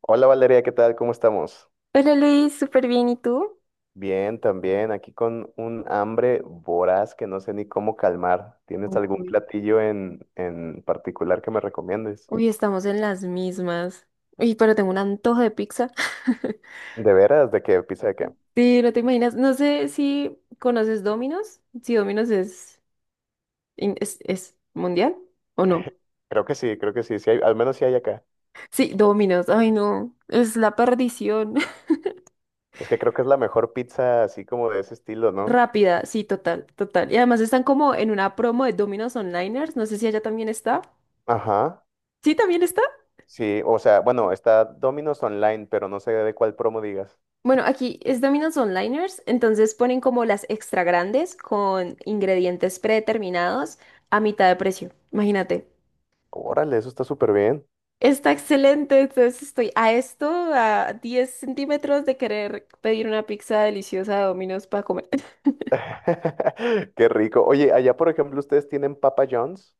Hola Valeria, ¿qué tal? ¿Cómo estamos? Hola Luis, súper bien, ¿y tú? Bien, también, aquí con un hambre voraz que no sé ni cómo calmar. ¿Tienes algún Uy. platillo en particular que me recomiendes? Uy, estamos en las mismas. Uy, pero tengo un antojo de pizza. ¿De veras? ¿De qué? ¿Pizza de qué? Sí, no te imaginas. No sé si conoces Domino's, si Domino's es, es mundial o no. Creo que sí, sí hay, al menos sí hay acá. Sí, Domino's, ay no, es la perdición. Es que creo que es la mejor pizza así como de ese estilo, ¿no? Rápida, sí, total, total. Y además están como en una promo de Domino's Onliners, no sé si allá también está. Ajá, Sí, también está. sí, o sea, bueno, está Domino's Online, pero no sé de cuál promo digas. Bueno, aquí es Domino's Onliners, entonces ponen como las extra grandes con ingredientes predeterminados a mitad de precio. Imagínate. Órale, eso está súper bien. Está excelente, entonces estoy a esto, a 10 centímetros de querer pedir una pizza deliciosa de Domino's para comer. Qué rico. Oye, allá por ejemplo, ¿ustedes tienen Papa John's?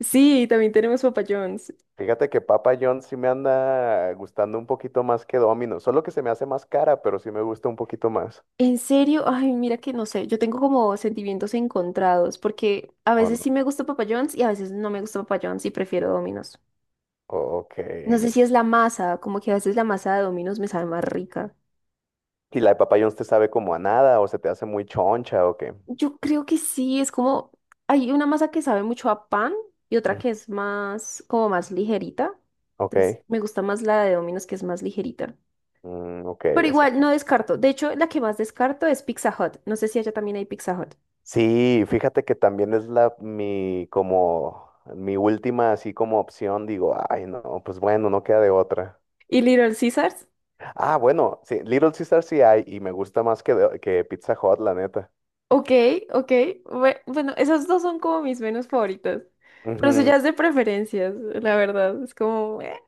Sí, también tenemos Papa John's. Fíjate que Papa John's sí me anda gustando un poquito más que Domino, solo que se me hace más cara, pero sí me gusta un poquito más. En serio, ay, mira que no sé, yo tengo como sentimientos encontrados, porque a ¿O veces no? sí me gusta Papa John's y a veces no me gusta Papa John's y prefiero Domino's. Ok. No sé si es la masa, como que a veces la masa de Domino's me sabe más rica. ¿Y la de Papa John's te sabe como a nada o se te hace muy choncha o qué? Yo creo que sí, es como, hay una masa que sabe mucho a pan y otra Mm, que es más, como más ligerita. Entonces, ok. me gusta más la de Domino's que es más ligerita. Mm, ok, Pero es que igual, no descarto. De hecho, la que más descarto es Pizza Hut. No sé si allá también hay Pizza Hut. sí, fíjate que también es la mi como mi última así como opción, digo, ay no, pues bueno, no queda de otra. ¿Y Little Caesars? Ah, bueno, sí, Little Caesar sí hay y me gusta más que Pizza Hut, la neta. Ok, ok. Bueno, esas dos son como mis menos favoritas. Pero eso Ujú. ya es de preferencias, la verdad. Es como.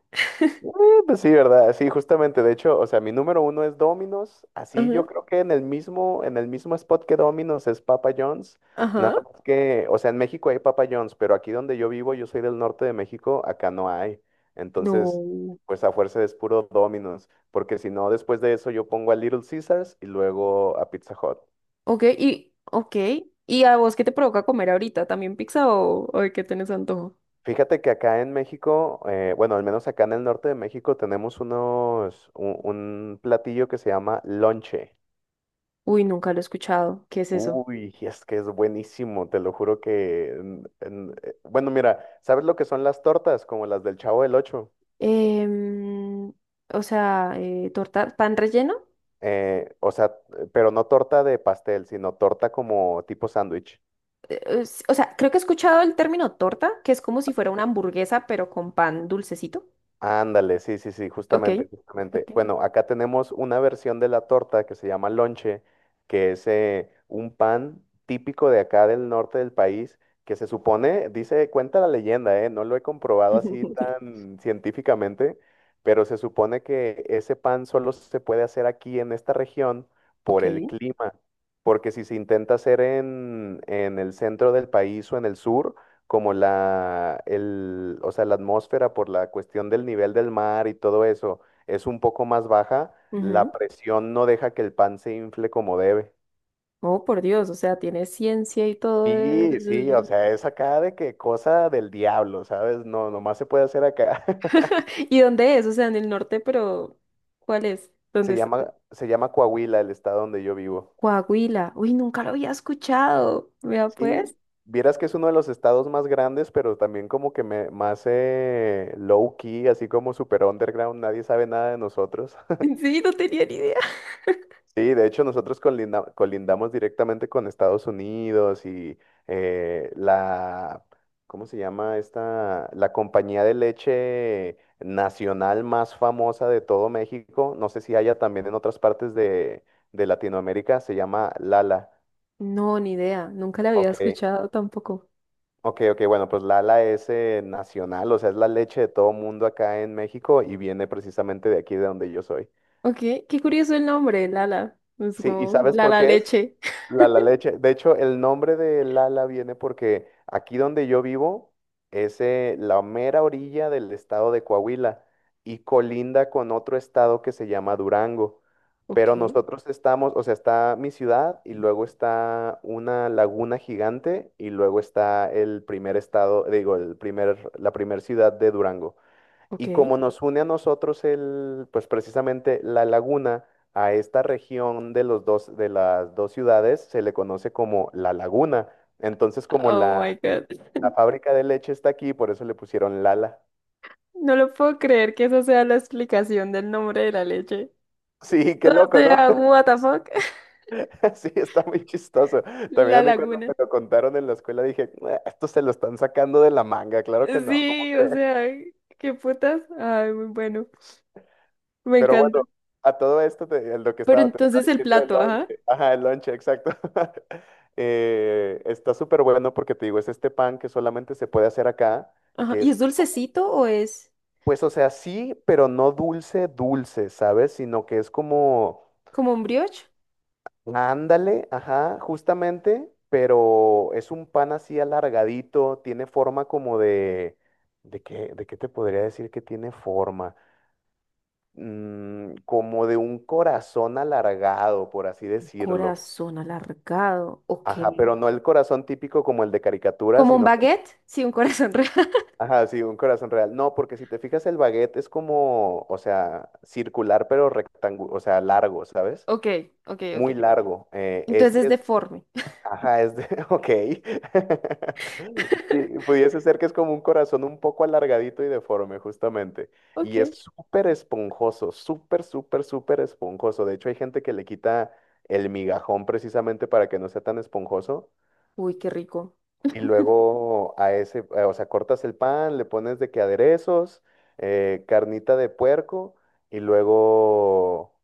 Eh, pues sí, ¿verdad? Sí, justamente, de hecho, o sea, mi número uno es Domino's, así Ajá. yo creo que en el mismo spot que Domino's es Papa John's, nada Ajá. más que, o sea, en México hay Papa John's, pero aquí donde yo vivo, yo soy del norte de México, acá no hay, entonces, No. pues a fuerza es puro Domino's, porque si no, después de eso yo pongo a Little Caesars y luego a Pizza Hut. Ok, y, ok. ¿Y a vos qué te provoca comer ahorita? ¿También pizza o de qué tenés antojo? Fíjate que acá en México, bueno, al menos acá en el norte de México tenemos unos, un platillo que se llama lonche. Uy, nunca lo he escuchado. ¿Qué es eso? Uy, es que es buenísimo, te lo juro que, bueno, mira, ¿sabes lo que son las tortas? Como las del Chavo del Ocho. Em, o sea, torta, pan relleno. O sea, pero no torta de pastel, sino torta como tipo sándwich. O sea, creo que he escuchado el término torta, que es como si fuera una hamburguesa, pero con pan dulcecito. Ándale, sí, sí, sí, Ok, justamente, justamente. ok. Bueno, acá tenemos una versión de la torta que se llama lonche, que es un pan típico de acá del norte del país, que se supone, dice, cuenta la leyenda, no lo he comprobado así tan científicamente, pero se supone que ese pan solo se puede hacer aquí en esta región Ok. por el clima, porque si se intenta hacer en el centro del país o en el sur, como o sea, la atmósfera por la cuestión del nivel del mar y todo eso es un poco más baja, la Ujú. presión no deja que el pan se infle como debe. Oh, por Dios, o sea, tiene ciencia y todo Sí, sí, o el- sea, es acá de que cosa del diablo, ¿sabes? No, nomás se puede hacer acá. ¿Y dónde es? O sea, en el norte, pero ¿cuál es? ¿Dónde Se es? llama, se llama Coahuila, el estado donde yo vivo. Coahuila. Uy, nunca lo había escuchado. Vea pues. Sí, vieras que es uno de los estados más grandes, pero también como que más low key, así como super underground, nadie sabe nada de nosotros. Sí, no tenía ni idea. Sí, de hecho nosotros colindamos directamente con Estados Unidos y eh, la, ¿cómo se llama esta? La compañía de leche nacional más famosa de todo México, no sé si haya también en otras partes de Latinoamérica, se llama Lala. No, ni idea. Nunca la había Ok, escuchado tampoco. ok, ok, bueno, pues Lala es nacional, o sea, es la leche de todo mundo acá en México y viene precisamente de aquí de donde yo soy. Ok, qué curioso el nombre, Lala. Es Sí, ¿y como sabes por Lala qué es? Leche. La La Leche. De hecho, el nombre de Lala viene porque aquí donde yo vivo es la mera orilla del estado de Coahuila y colinda con otro estado que se llama Durango. Ok, Pero nosotros estamos, o sea, está mi ciudad y luego está una laguna gigante y luego está el primer estado, digo, el primer, la primer ciudad de Durango. ok. Y como nos une a nosotros pues precisamente la laguna a esta región de los dos, de las dos ciudades, se le conoce como la laguna. Entonces, como Oh my la, God. la fábrica de leche está aquí, por eso le pusieron Lala. No lo puedo creer que esa sea la explicación del nombre de la leche. Sí, qué O loco, ¿no? sea, what the fuck. Sí, está muy chistoso. También La a mí cuando laguna. me lo contaron en la escuela dije, "Ah, esto se lo están sacando de la manga, claro que no, ¿cómo Sí, o crees?" sea, qué putas. Ay, muy bueno. Me Pero encanta. bueno, a todo esto, Pero te estaba entonces el diciendo el plato, ajá. lonche. Ajá, el lonche, exacto. Está súper bueno porque te digo, es este pan que solamente se puede hacer acá, Ajá. que ¿Y es, es dulcecito o es? pues, o sea, sí, pero no dulce, dulce, ¿sabes? Sino que es como, ¿Como un brioche? ándale, ajá, justamente, pero es un pan así alargadito, tiene forma como de, ¿de qué te podría decir que tiene forma? Como de un corazón alargado, por así decirlo. Corazón alargado, ok. Ajá, pero no el corazón típico como el de caricatura, ¿Como un sino como, baguette? Sí, un corazón real. ajá, sí, un corazón real. No, porque si te fijas el baguette es como, o sea, circular pero rectangular, o sea, largo, ¿sabes? Ok, ok, ok. Muy largo. Entonces es Este es deforme. Ajá, es de. Ok. Sí, pudiese ser que es como un corazón un poco alargadito y deforme, justamente. Y es Ok. súper esponjoso, súper, súper, súper esponjoso. De hecho, hay gente que le quita el migajón precisamente para que no sea tan esponjoso. Uy, qué rico. Y luego o sea, cortas el pan, le pones de que aderezos, carnita de puerco, y luego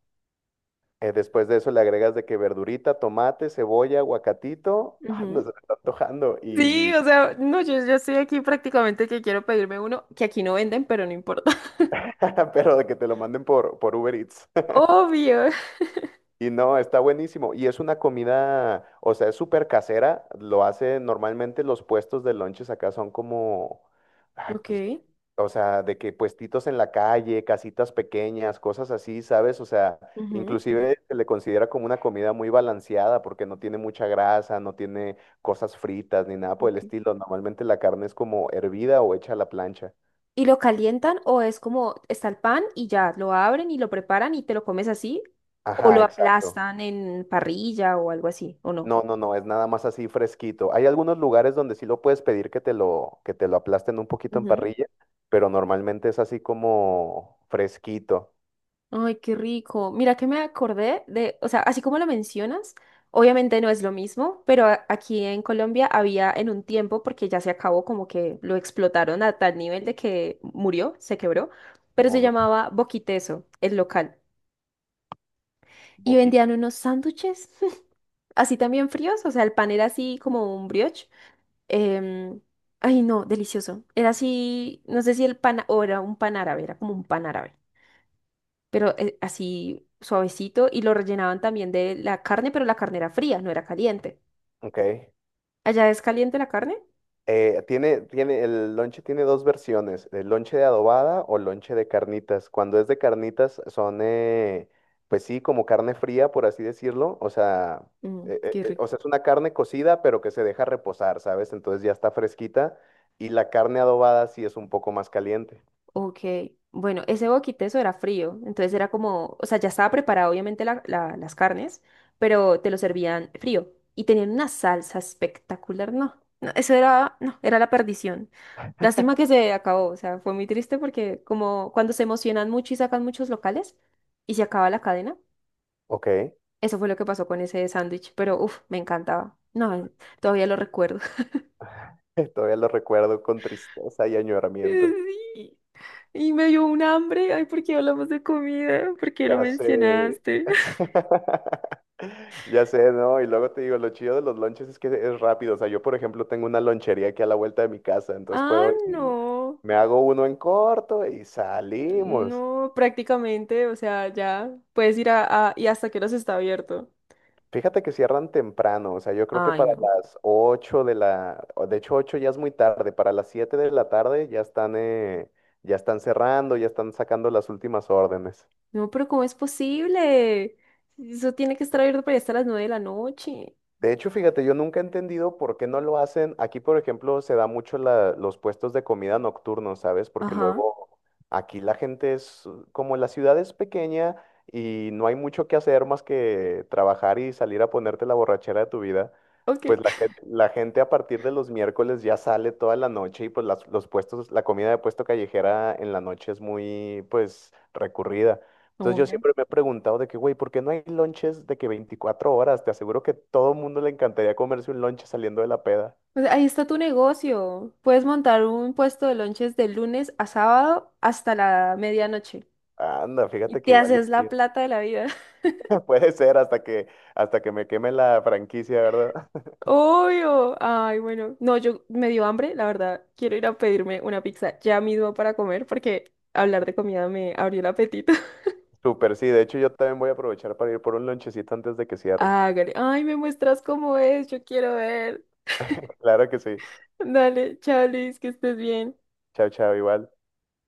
después de eso le agregas de que verdurita, tomate, cebolla, aguacatito. Ah, no Ujú. se me está antojando. Sí, Y. o sea, no, yo estoy aquí prácticamente que quiero pedirme uno que aquí no venden, pero no importa. Pero de que te lo manden por Uber Eats. Obvio. Y no, está buenísimo. Y es una comida, o sea, es súper casera. Lo hace normalmente los puestos de lonches acá son como, ay, Ok. pues. O sea, de que puestitos en la calle, casitas pequeñas, cosas así, ¿sabes? O sea, Ujú, inclusive se le considera como una comida muy balanceada porque no tiene mucha grasa, no tiene cosas fritas ni nada por el ok. estilo. Normalmente la carne es como hervida o hecha a la plancha. ¿Y lo calientan o es como está el pan y ya lo abren y lo preparan y te lo comes así? ¿O lo Ajá, exacto. aplastan en parrilla o algo así? ¿O no? No, no, no, es nada más así fresquito. Hay algunos lugares donde sí lo puedes pedir que te lo aplasten un poquito en parrilla, pero normalmente es así como fresquito Ay, qué rico. Mira que me acordé de, o sea, así como lo mencionas, obviamente no es lo mismo, pero aquí en Colombia había en un tiempo, porque ya se acabó, como que lo explotaron a tal nivel de que murió, se quebró, pero se o no, llamaba Boquiteso, el local. Y poquito. vendían unos sándwiches así también fríos, o sea, el pan era así como un brioche. em, Ay, no, delicioso. Era así, no sé si el pan, o era un pan árabe, era como un pan árabe pero así suavecito y lo rellenaban también de la carne, pero la carne era fría, no era caliente. Ok. ¿Allá es caliente la carne? El lonche tiene dos versiones, el lonche de adobada o lonche de carnitas. Cuando es de carnitas son, pues sí, como carne fría, por así decirlo. Mm, qué O sea, rico. es una carne cocida, pero que se deja reposar, ¿sabes? Entonces ya está fresquita. Y la carne adobada sí es un poco más caliente. Ok, bueno, ese boquiteso era frío, entonces era como, o sea, ya estaba preparado obviamente las carnes, pero te lo servían frío y tenían una salsa espectacular, no, no, eso era, no, era la perdición. Lástima que se acabó, o sea, fue muy triste porque como cuando se emocionan mucho y sacan muchos locales y se acaba la cadena. Ok, Eso fue lo que pasó con ese sándwich, pero uff, me encantaba. No, todavía lo recuerdo. todavía lo recuerdo con tristeza y añoramiento. Sí, y me dio un hambre. Ay, ¿por qué hablamos de comida? ¿Por qué lo Ya sé. mencionaste? Ya sé, ¿no? Y luego te digo, lo chido de los lonches es que es rápido. O sea, yo, por ejemplo, tengo una lonchería aquí a la vuelta de mi casa, entonces Ah, puedo ir, no. me hago uno en corto y salimos. No, prácticamente, o sea, ya puedes ir y hasta que hora se está abierto. Fíjate que cierran temprano, o sea, yo creo que Ay, para no. las 8 de la, o de hecho 8 ya es muy tarde, para las 7 de la tarde ya están cerrando, ya están sacando las últimas órdenes. No, pero ¿cómo es posible? Eso tiene que estar abierto para allá hasta las 9 de la noche. De hecho, fíjate, yo nunca he entendido por qué no lo hacen. Aquí, por ejemplo, se da mucho los puestos de comida nocturnos, ¿sabes? Porque Ajá. luego aquí como la ciudad es pequeña y no hay mucho que hacer más que trabajar y salir a ponerte la borrachera de tu vida, Ok. pues la gente, la gente a partir de los miércoles ya sale toda la noche y pues los puestos, la comida de puesto callejera en la noche es muy, pues, recurrida. Entonces yo Obvio. siempre me he preguntado de que, güey, ¿por qué no hay lonches de que 24 horas? Te aseguro que todo el mundo le encantaría comerse un lonche saliendo de la peda. Pues ahí está tu negocio. Puedes montar un puesto de lonches de lunes a sábado hasta la medianoche. Anda, Y fíjate que te igual haces y sí, la plata de la vida. puede ser hasta que me queme la franquicia, ¿verdad? Obvio. Ay, bueno. No, yo me dio hambre, la verdad. Quiero ir a pedirme una pizza ya mismo para comer porque hablar de comida me abrió el apetito. Súper, sí. De hecho, yo también voy a aprovechar para ir por un lonchecito antes de que cierre. Hágale. Ay, me muestras cómo es. Yo quiero ver. Claro que sí. Dale, chao, Luis, que estés bien. Chao, chao, igual.